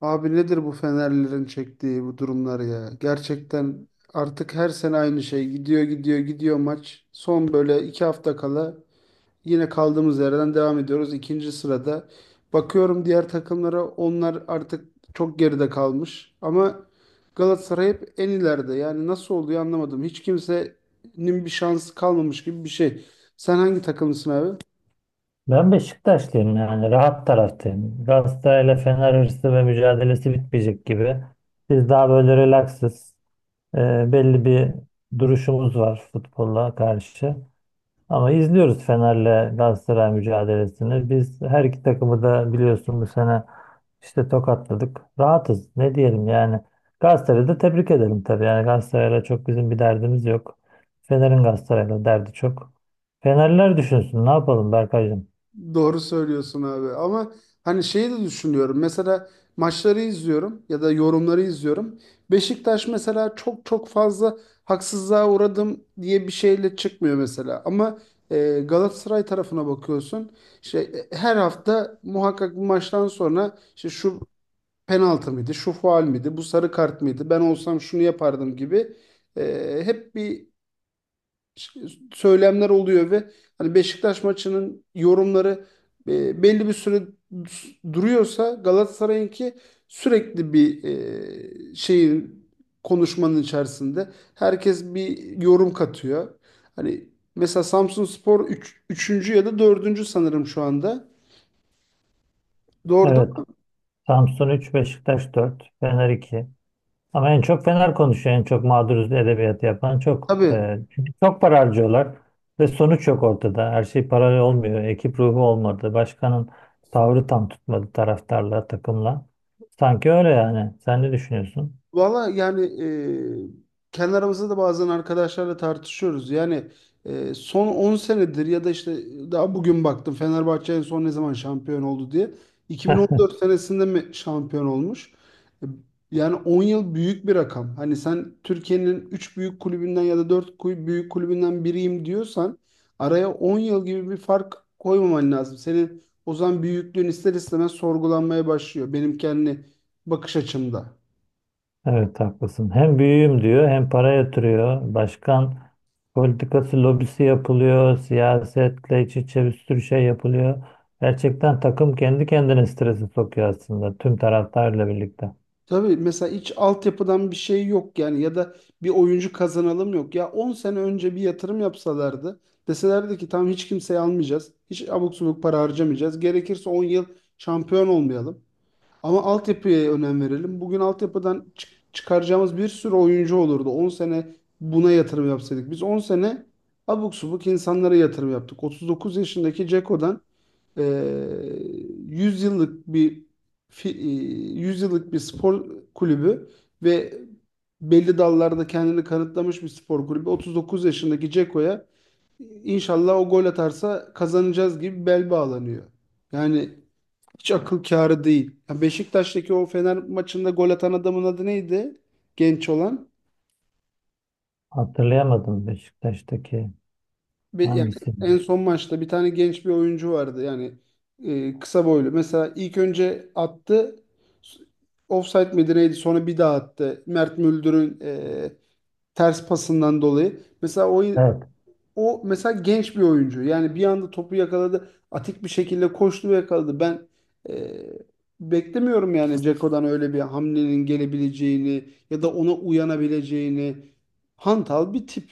Abi nedir bu Fenerlilerin çektiği bu durumlar ya? Gerçekten artık her sene aynı şey. Gidiyor gidiyor gidiyor maç. Son böyle 2 hafta kala yine kaldığımız yerden devam ediyoruz. İkinci sırada. Bakıyorum diğer takımlara, onlar artık çok geride kalmış. Ama Galatasaray hep en ileride. Yani nasıl oluyor anlamadım. Hiç kimsenin bir şansı kalmamış gibi bir şey. Sen hangi takımlısın abi? Ben Beşiktaşlıyım yani rahat taraftayım. Galatasaray'la Fener hırsı ve mücadelesi bitmeyecek gibi. Biz daha böyle relaksız, e, belli bir duruşumuz var futbolla karşı. Ama izliyoruz Fener'le Galatasaray mücadelesini. Biz her iki takımı da biliyorsun bu sene işte tokatladık. Rahatız ne diyelim yani. Galatasaray'ı da tebrik edelim tabii. Yani Galatasaray'la çok bizim bir derdimiz yok. Fener'in Galatasaray'la derdi çok. Fenerler düşünsün ne yapalım Berkaycığım. Doğru söylüyorsun abi, ama hani şeyi de düşünüyorum mesela, maçları izliyorum ya da yorumları izliyorum. Beşiktaş mesela çok çok fazla haksızlığa uğradım diye bir şeyle çıkmıyor mesela, ama Galatasaray tarafına bakıyorsun, her hafta muhakkak bu maçtan sonra işte şu penaltı mıydı, şu faul müydü, bu sarı kart mıydı, ben olsam şunu yapardım gibi hep bir söylemler oluyor. Ve hani Beşiktaş maçının yorumları belli bir süre duruyorsa, Galatasaray'ınki sürekli bir şeyin, konuşmanın içerisinde herkes bir yorum katıyor. Hani mesela Samsunspor üçüncü ya da dördüncü sanırım şu anda. Doğru değil Evet. mi? Samsun 3, Beşiktaş 4, Fener 2. Ama en çok Fener konuşuyor. En çok mağduruz edebiyatı yapan çok. Tabii. Çünkü çok para harcıyorlar ve sonuç yok ortada. Her şey paralel olmuyor. Ekip ruhu olmadı. Başkanın tavrı tam tutmadı taraftarla, takımla. Sanki öyle yani. Sen ne düşünüyorsun? Valla yani kendi aramızda da bazen arkadaşlarla tartışıyoruz. Yani son 10 senedir, ya da işte daha bugün baktım Fenerbahçe en son ne zaman şampiyon oldu diye. 2014 senesinde mi şampiyon olmuş? E, Yani 10 yıl büyük bir rakam. Hani sen Türkiye'nin 3 büyük kulübünden ya da 4 büyük kulübünden biriyim diyorsan, araya 10 yıl gibi bir fark koymaman lazım. Senin o zaman büyüklüğün ister istemez sorgulanmaya başlıyor, benim kendi bakış açımda. Evet haklısın. Hem büyüğüm diyor hem para yatırıyor. Başkan politikası lobisi yapılıyor. Siyasetle iç içe bir sürü şey yapılıyor. Gerçekten takım kendi kendine stresi sokuyor aslında tüm taraftarla birlikte. Tabii, mesela hiç altyapıdan bir şey yok yani, ya da bir oyuncu kazanalım yok. Ya 10 sene önce bir yatırım yapsalardı, deselerdi ki tamam, hiç kimseyi almayacağız. Hiç abuk subuk para harcamayacağız. Gerekirse 10 yıl şampiyon olmayalım. Ama altyapıya önem verelim. Bugün altyapıdan çıkaracağımız bir sürü oyuncu olurdu. 10 sene buna yatırım yapsaydık. Biz 10 sene abuk subuk insanlara yatırım yaptık. 39 yaşındaki Ceko'dan 100 yıllık bir fi- 100 yıllık bir spor kulübü ve belli dallarda kendini kanıtlamış bir spor kulübü. 39 yaşındaki Ceko'ya, inşallah o gol atarsa kazanacağız gibi bel bağlanıyor. Yani hiç akıl kârı değil. Ya Beşiktaş'taki o Fener maçında gol atan adamın adı neydi? Genç olan. Hatırlayamadım, Beşiktaş'taki Yani hangisi? en son maçta bir tane genç bir oyuncu vardı yani, kısa boylu. Mesela ilk önce attı, s- offside miydi neydi, sonra bir daha attı. Mert Müldür'ün ters pasından dolayı. Mesela o, Evet. o mesela genç bir oyuncu. Yani bir anda topu yakaladı. Atik bir şekilde koştu ve yakaladı. Ben e, beklemiyorum yani Ceko'dan öyle bir hamlenin gelebileceğini ya da ona uyanabileceğini. Hantal bir tip.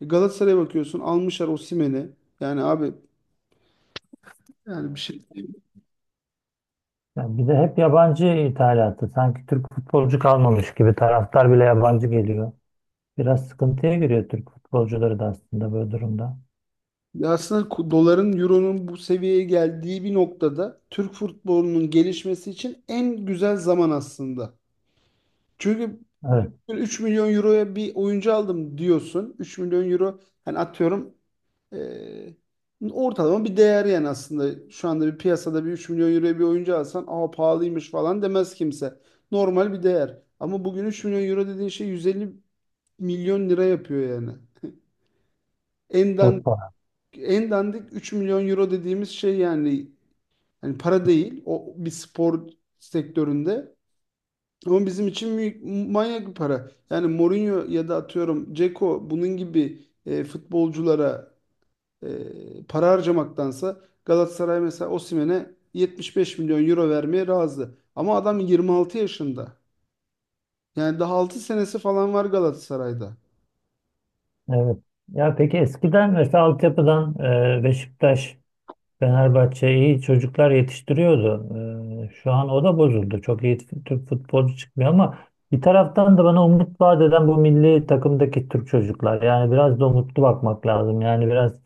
Galatasaray'a bakıyorsun, almışlar Osimhen'i. Yani abi, yani bir şey değil. Ya bir de hep yabancı ithalatı. Sanki Türk futbolcu kalmamış gibi taraftar bile yabancı geliyor. Biraz sıkıntıya giriyor Türk futbolcuları da aslında böyle durumda. Ya aslında doların, euronun bu seviyeye geldiği bir noktada Türk futbolunun gelişmesi için en güzel zaman aslında. Çünkü Evet. 3 milyon euroya bir oyuncu aldım diyorsun. 3 milyon euro, hani atıyorum, ortalama bir değer yani aslında. Şu anda bir piyasada bir 3 milyon euroya bir oyuncu alsan, aa pahalıymış falan demez kimse. Normal bir değer. Ama bugün 3 milyon euro dediğin şey 150 milyon lira yapıyor yani. En Çok dandik, fazla. en dandik 3 milyon euro dediğimiz şey yani para değil. O bir spor sektöründe. Ama bizim için büyük, manyak bir para. Yani Mourinho ya da atıyorum Dzeko bunun gibi futbolculara para harcamaktansa, Galatasaray mesela Osimhen'e 75 milyon euro vermeye razı. Ama adam 26 yaşında. Yani daha 6 senesi falan var Galatasaray'da. Evet. Ya peki eskiden mesela altyapıdan Beşiktaş, Fenerbahçe iyi çocuklar yetiştiriyordu. Şu an o da bozuldu. Çok iyi Türk futbolcu çıkmıyor ama bir taraftan da bana umut vaat eden bu milli takımdaki Türk çocuklar. Yani biraz da umutlu bakmak lazım. Yani biraz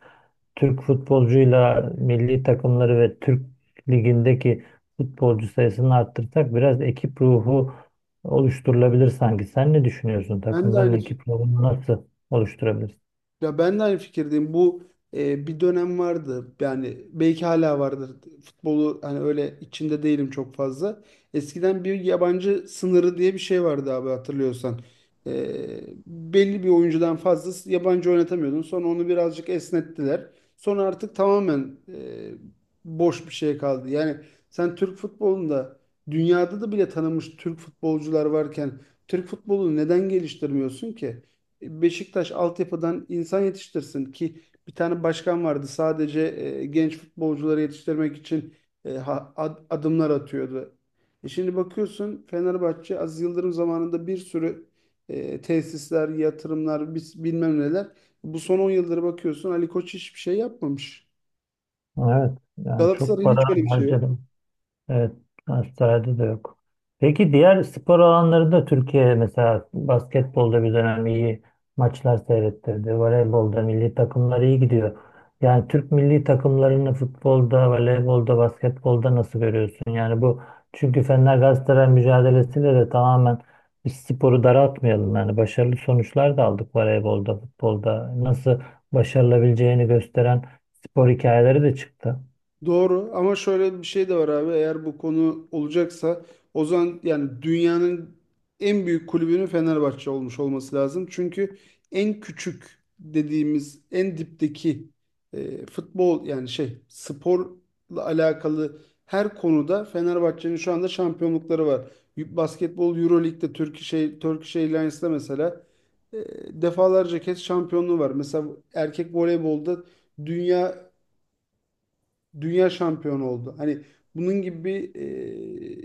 Türk futbolcuyla milli takımları ve Türk ligindeki futbolcu sayısını arttırsak biraz ekip ruhu oluşturulabilir sanki. Sen ne düşünüyorsun? Ben de Takımların aynı ekip ruhunu nasıl oluşturabilir? Ya ben de aynı fikirdeyim. Bu bir dönem vardı. Yani belki hala vardır. Futbolu hani öyle içinde değilim çok fazla. Eskiden bir yabancı sınırı diye bir şey vardı abi, hatırlıyorsan. E, Belli bir oyuncudan fazla yabancı oynatamıyordun. Sonra onu birazcık esnettiler. Sonra artık tamamen boş bir şey kaldı. Yani sen Türk futbolunda, dünyada da bile tanınmış Türk futbolcular varken, Türk futbolunu neden geliştirmiyorsun ki? Beşiktaş altyapıdan insan yetiştirsin ki. Bir tane başkan vardı sadece genç futbolcuları yetiştirmek için adımlar atıyordu. Şimdi bakıyorsun Fenerbahçe Aziz Yıldırım zamanında bir sürü tesisler, yatırımlar, bilmem neler. Bu son 10 yıldır bakıyorsun Ali Koç hiçbir şey yapmamış. Evet, yani çok Galatasaray'ın para hiç öyle bir şey yok. harcadım. Evet, transferde de yok. Peki diğer spor alanlarında Türkiye mesela basketbolda bir dönem iyi maçlar seyrettirdi. Voleybolda milli takımlar iyi gidiyor. Yani Türk milli takımlarını futbolda, voleybolda, basketbolda nasıl görüyorsun? Yani bu, çünkü Fener Galatasaray mücadelesiyle de tamamen biz sporu daraltmayalım. Yani başarılı sonuçlar da aldık voleybolda, futbolda. Nasıl başarılabileceğini gösteren spor hikayeleri de çıktı. Doğru, ama şöyle bir şey de var abi, eğer bu konu olacaksa, o zaman yani dünyanın en büyük kulübünün Fenerbahçe olmuş olması lazım. Çünkü en küçük dediğimiz en dipteki futbol, yani sporla alakalı her konuda Fenerbahçe'nin şu anda şampiyonlukları var. Basketbol Euroleague'de Turkish Airlines'da mesela e, defalarca kez şampiyonluğu var. Mesela erkek voleybolda dünya dünya şampiyonu oldu. Hani bunun gibi bir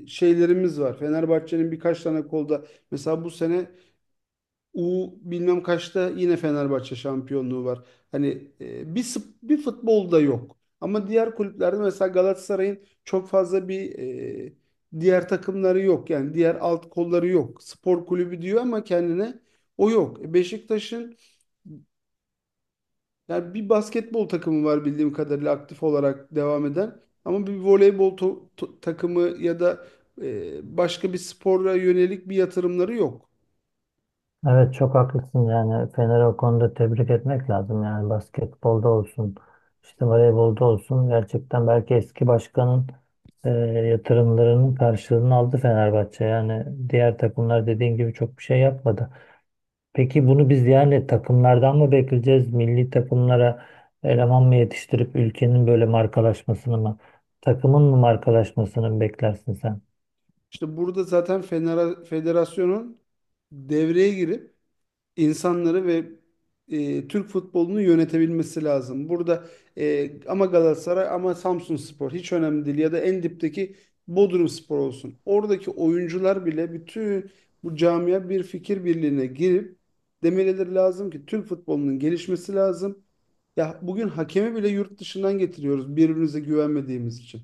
şeylerimiz var. Fenerbahçe'nin birkaç tane kolda mesela bu sene U bilmem kaçta yine Fenerbahçe şampiyonluğu var. Hani bir bir futbolda yok. Ama diğer kulüplerde mesela Galatasaray'ın çok fazla bir diğer takımları yok. Yani diğer alt kolları yok. Spor kulübü diyor ama kendine o yok. Beşiktaş'ın yani bir basketbol takımı var bildiğim kadarıyla aktif olarak devam eden. Ama bir voleybol takımı ya da başka bir spora yönelik bir yatırımları yok. Evet çok haklısın, yani Fener'i o konuda tebrik etmek lazım. Yani basketbolda olsun işte voleybolda olsun, gerçekten belki eski başkanın yatırımlarının karşılığını aldı Fenerbahçe. Yani diğer takımlar dediğin gibi çok bir şey yapmadı. Peki bunu biz yani takımlardan mı bekleyeceğiz, milli takımlara eleman mı yetiştirip ülkenin böyle markalaşmasını mı, takımın mı markalaşmasını mı beklersin sen? İşte burada zaten federasyonun devreye girip insanları ve Türk futbolunu yönetebilmesi lazım. Burada ama Galatasaray ama Samsunspor hiç önemli değil, ya da en dipteki Bodrumspor olsun. Oradaki oyuncular bile bütün bu camia bir fikir birliğine girip demeleri lazım ki Türk futbolunun gelişmesi lazım. Ya bugün hakemi bile yurt dışından getiriyoruz, birbirimize güvenmediğimiz için.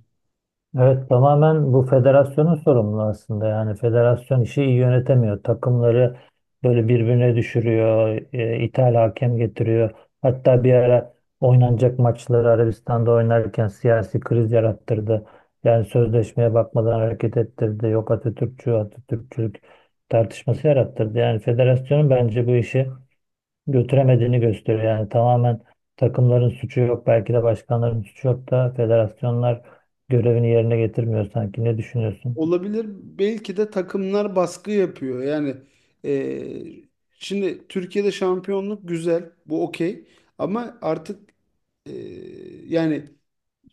Evet tamamen bu federasyonun sorumlu aslında. Yani federasyon işi iyi yönetemiyor. Takımları böyle birbirine düşürüyor. E, ithal hakem getiriyor. Hatta bir ara oynanacak maçları Arabistan'da oynarken siyasi kriz yarattırdı. Yani sözleşmeye bakmadan hareket ettirdi. Yok Atatürkçü, Atatürkçülük tartışması yarattırdı. Yani federasyonun bence bu işi götüremediğini gösteriyor. Yani tamamen takımların suçu yok, belki de başkanların suçu yok da federasyonlar görevini yerine getirmiyor sanki. Ne düşünüyorsun? Olabilir. Belki de takımlar baskı yapıyor. Yani e, şimdi Türkiye'de şampiyonluk güzel. Bu okey. Ama artık e, yani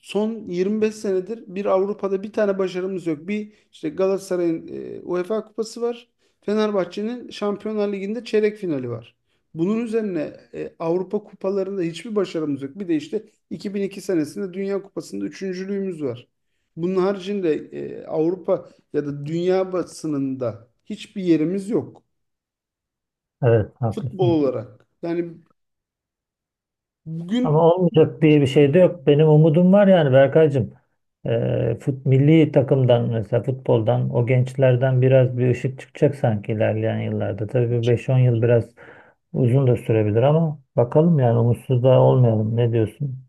son 25 senedir bir Avrupa'da bir tane başarımız yok. Bir işte Galatasaray'ın UEFA Kupası var. Fenerbahçe'nin Şampiyonlar Ligi'nde çeyrek finali var. Bunun üzerine Avrupa kupalarında hiçbir başarımız yok. Bir de işte 2002 senesinde Dünya Kupası'nda üçüncülüğümüz var. Bunun haricinde Avrupa ya da dünya basınında hiçbir yerimiz yok Evet, futbol haklısın. olarak. Yani Ama bugün. olmayacak diye bir şey de yok. Benim umudum var yani Berkaycığım. Milli takımdan mesela futboldan o gençlerden biraz bir ışık çıkacak sanki ilerleyen yıllarda. Tabii bir beş on yıl biraz uzun da sürebilir ama bakalım yani umutsuz da olmayalım. Ne diyorsun?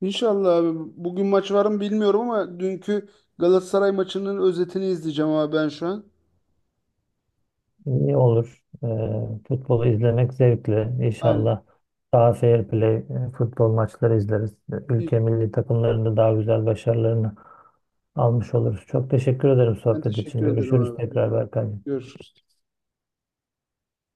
İnşallah abi. Bugün maç var mı bilmiyorum ama dünkü Galatasaray maçının özetini izleyeceğim abi ben şu an. İyi olur. Futbolu izlemek zevkli. Aynen. İnşallah daha fair play, futbol maçları izleriz. Ülke milli takımlarında daha güzel başarılarını almış oluruz. Çok teşekkür ederim Ben sohbet için. teşekkür ederim Görüşürüz abi. tekrar Berkay. Görüşürüz.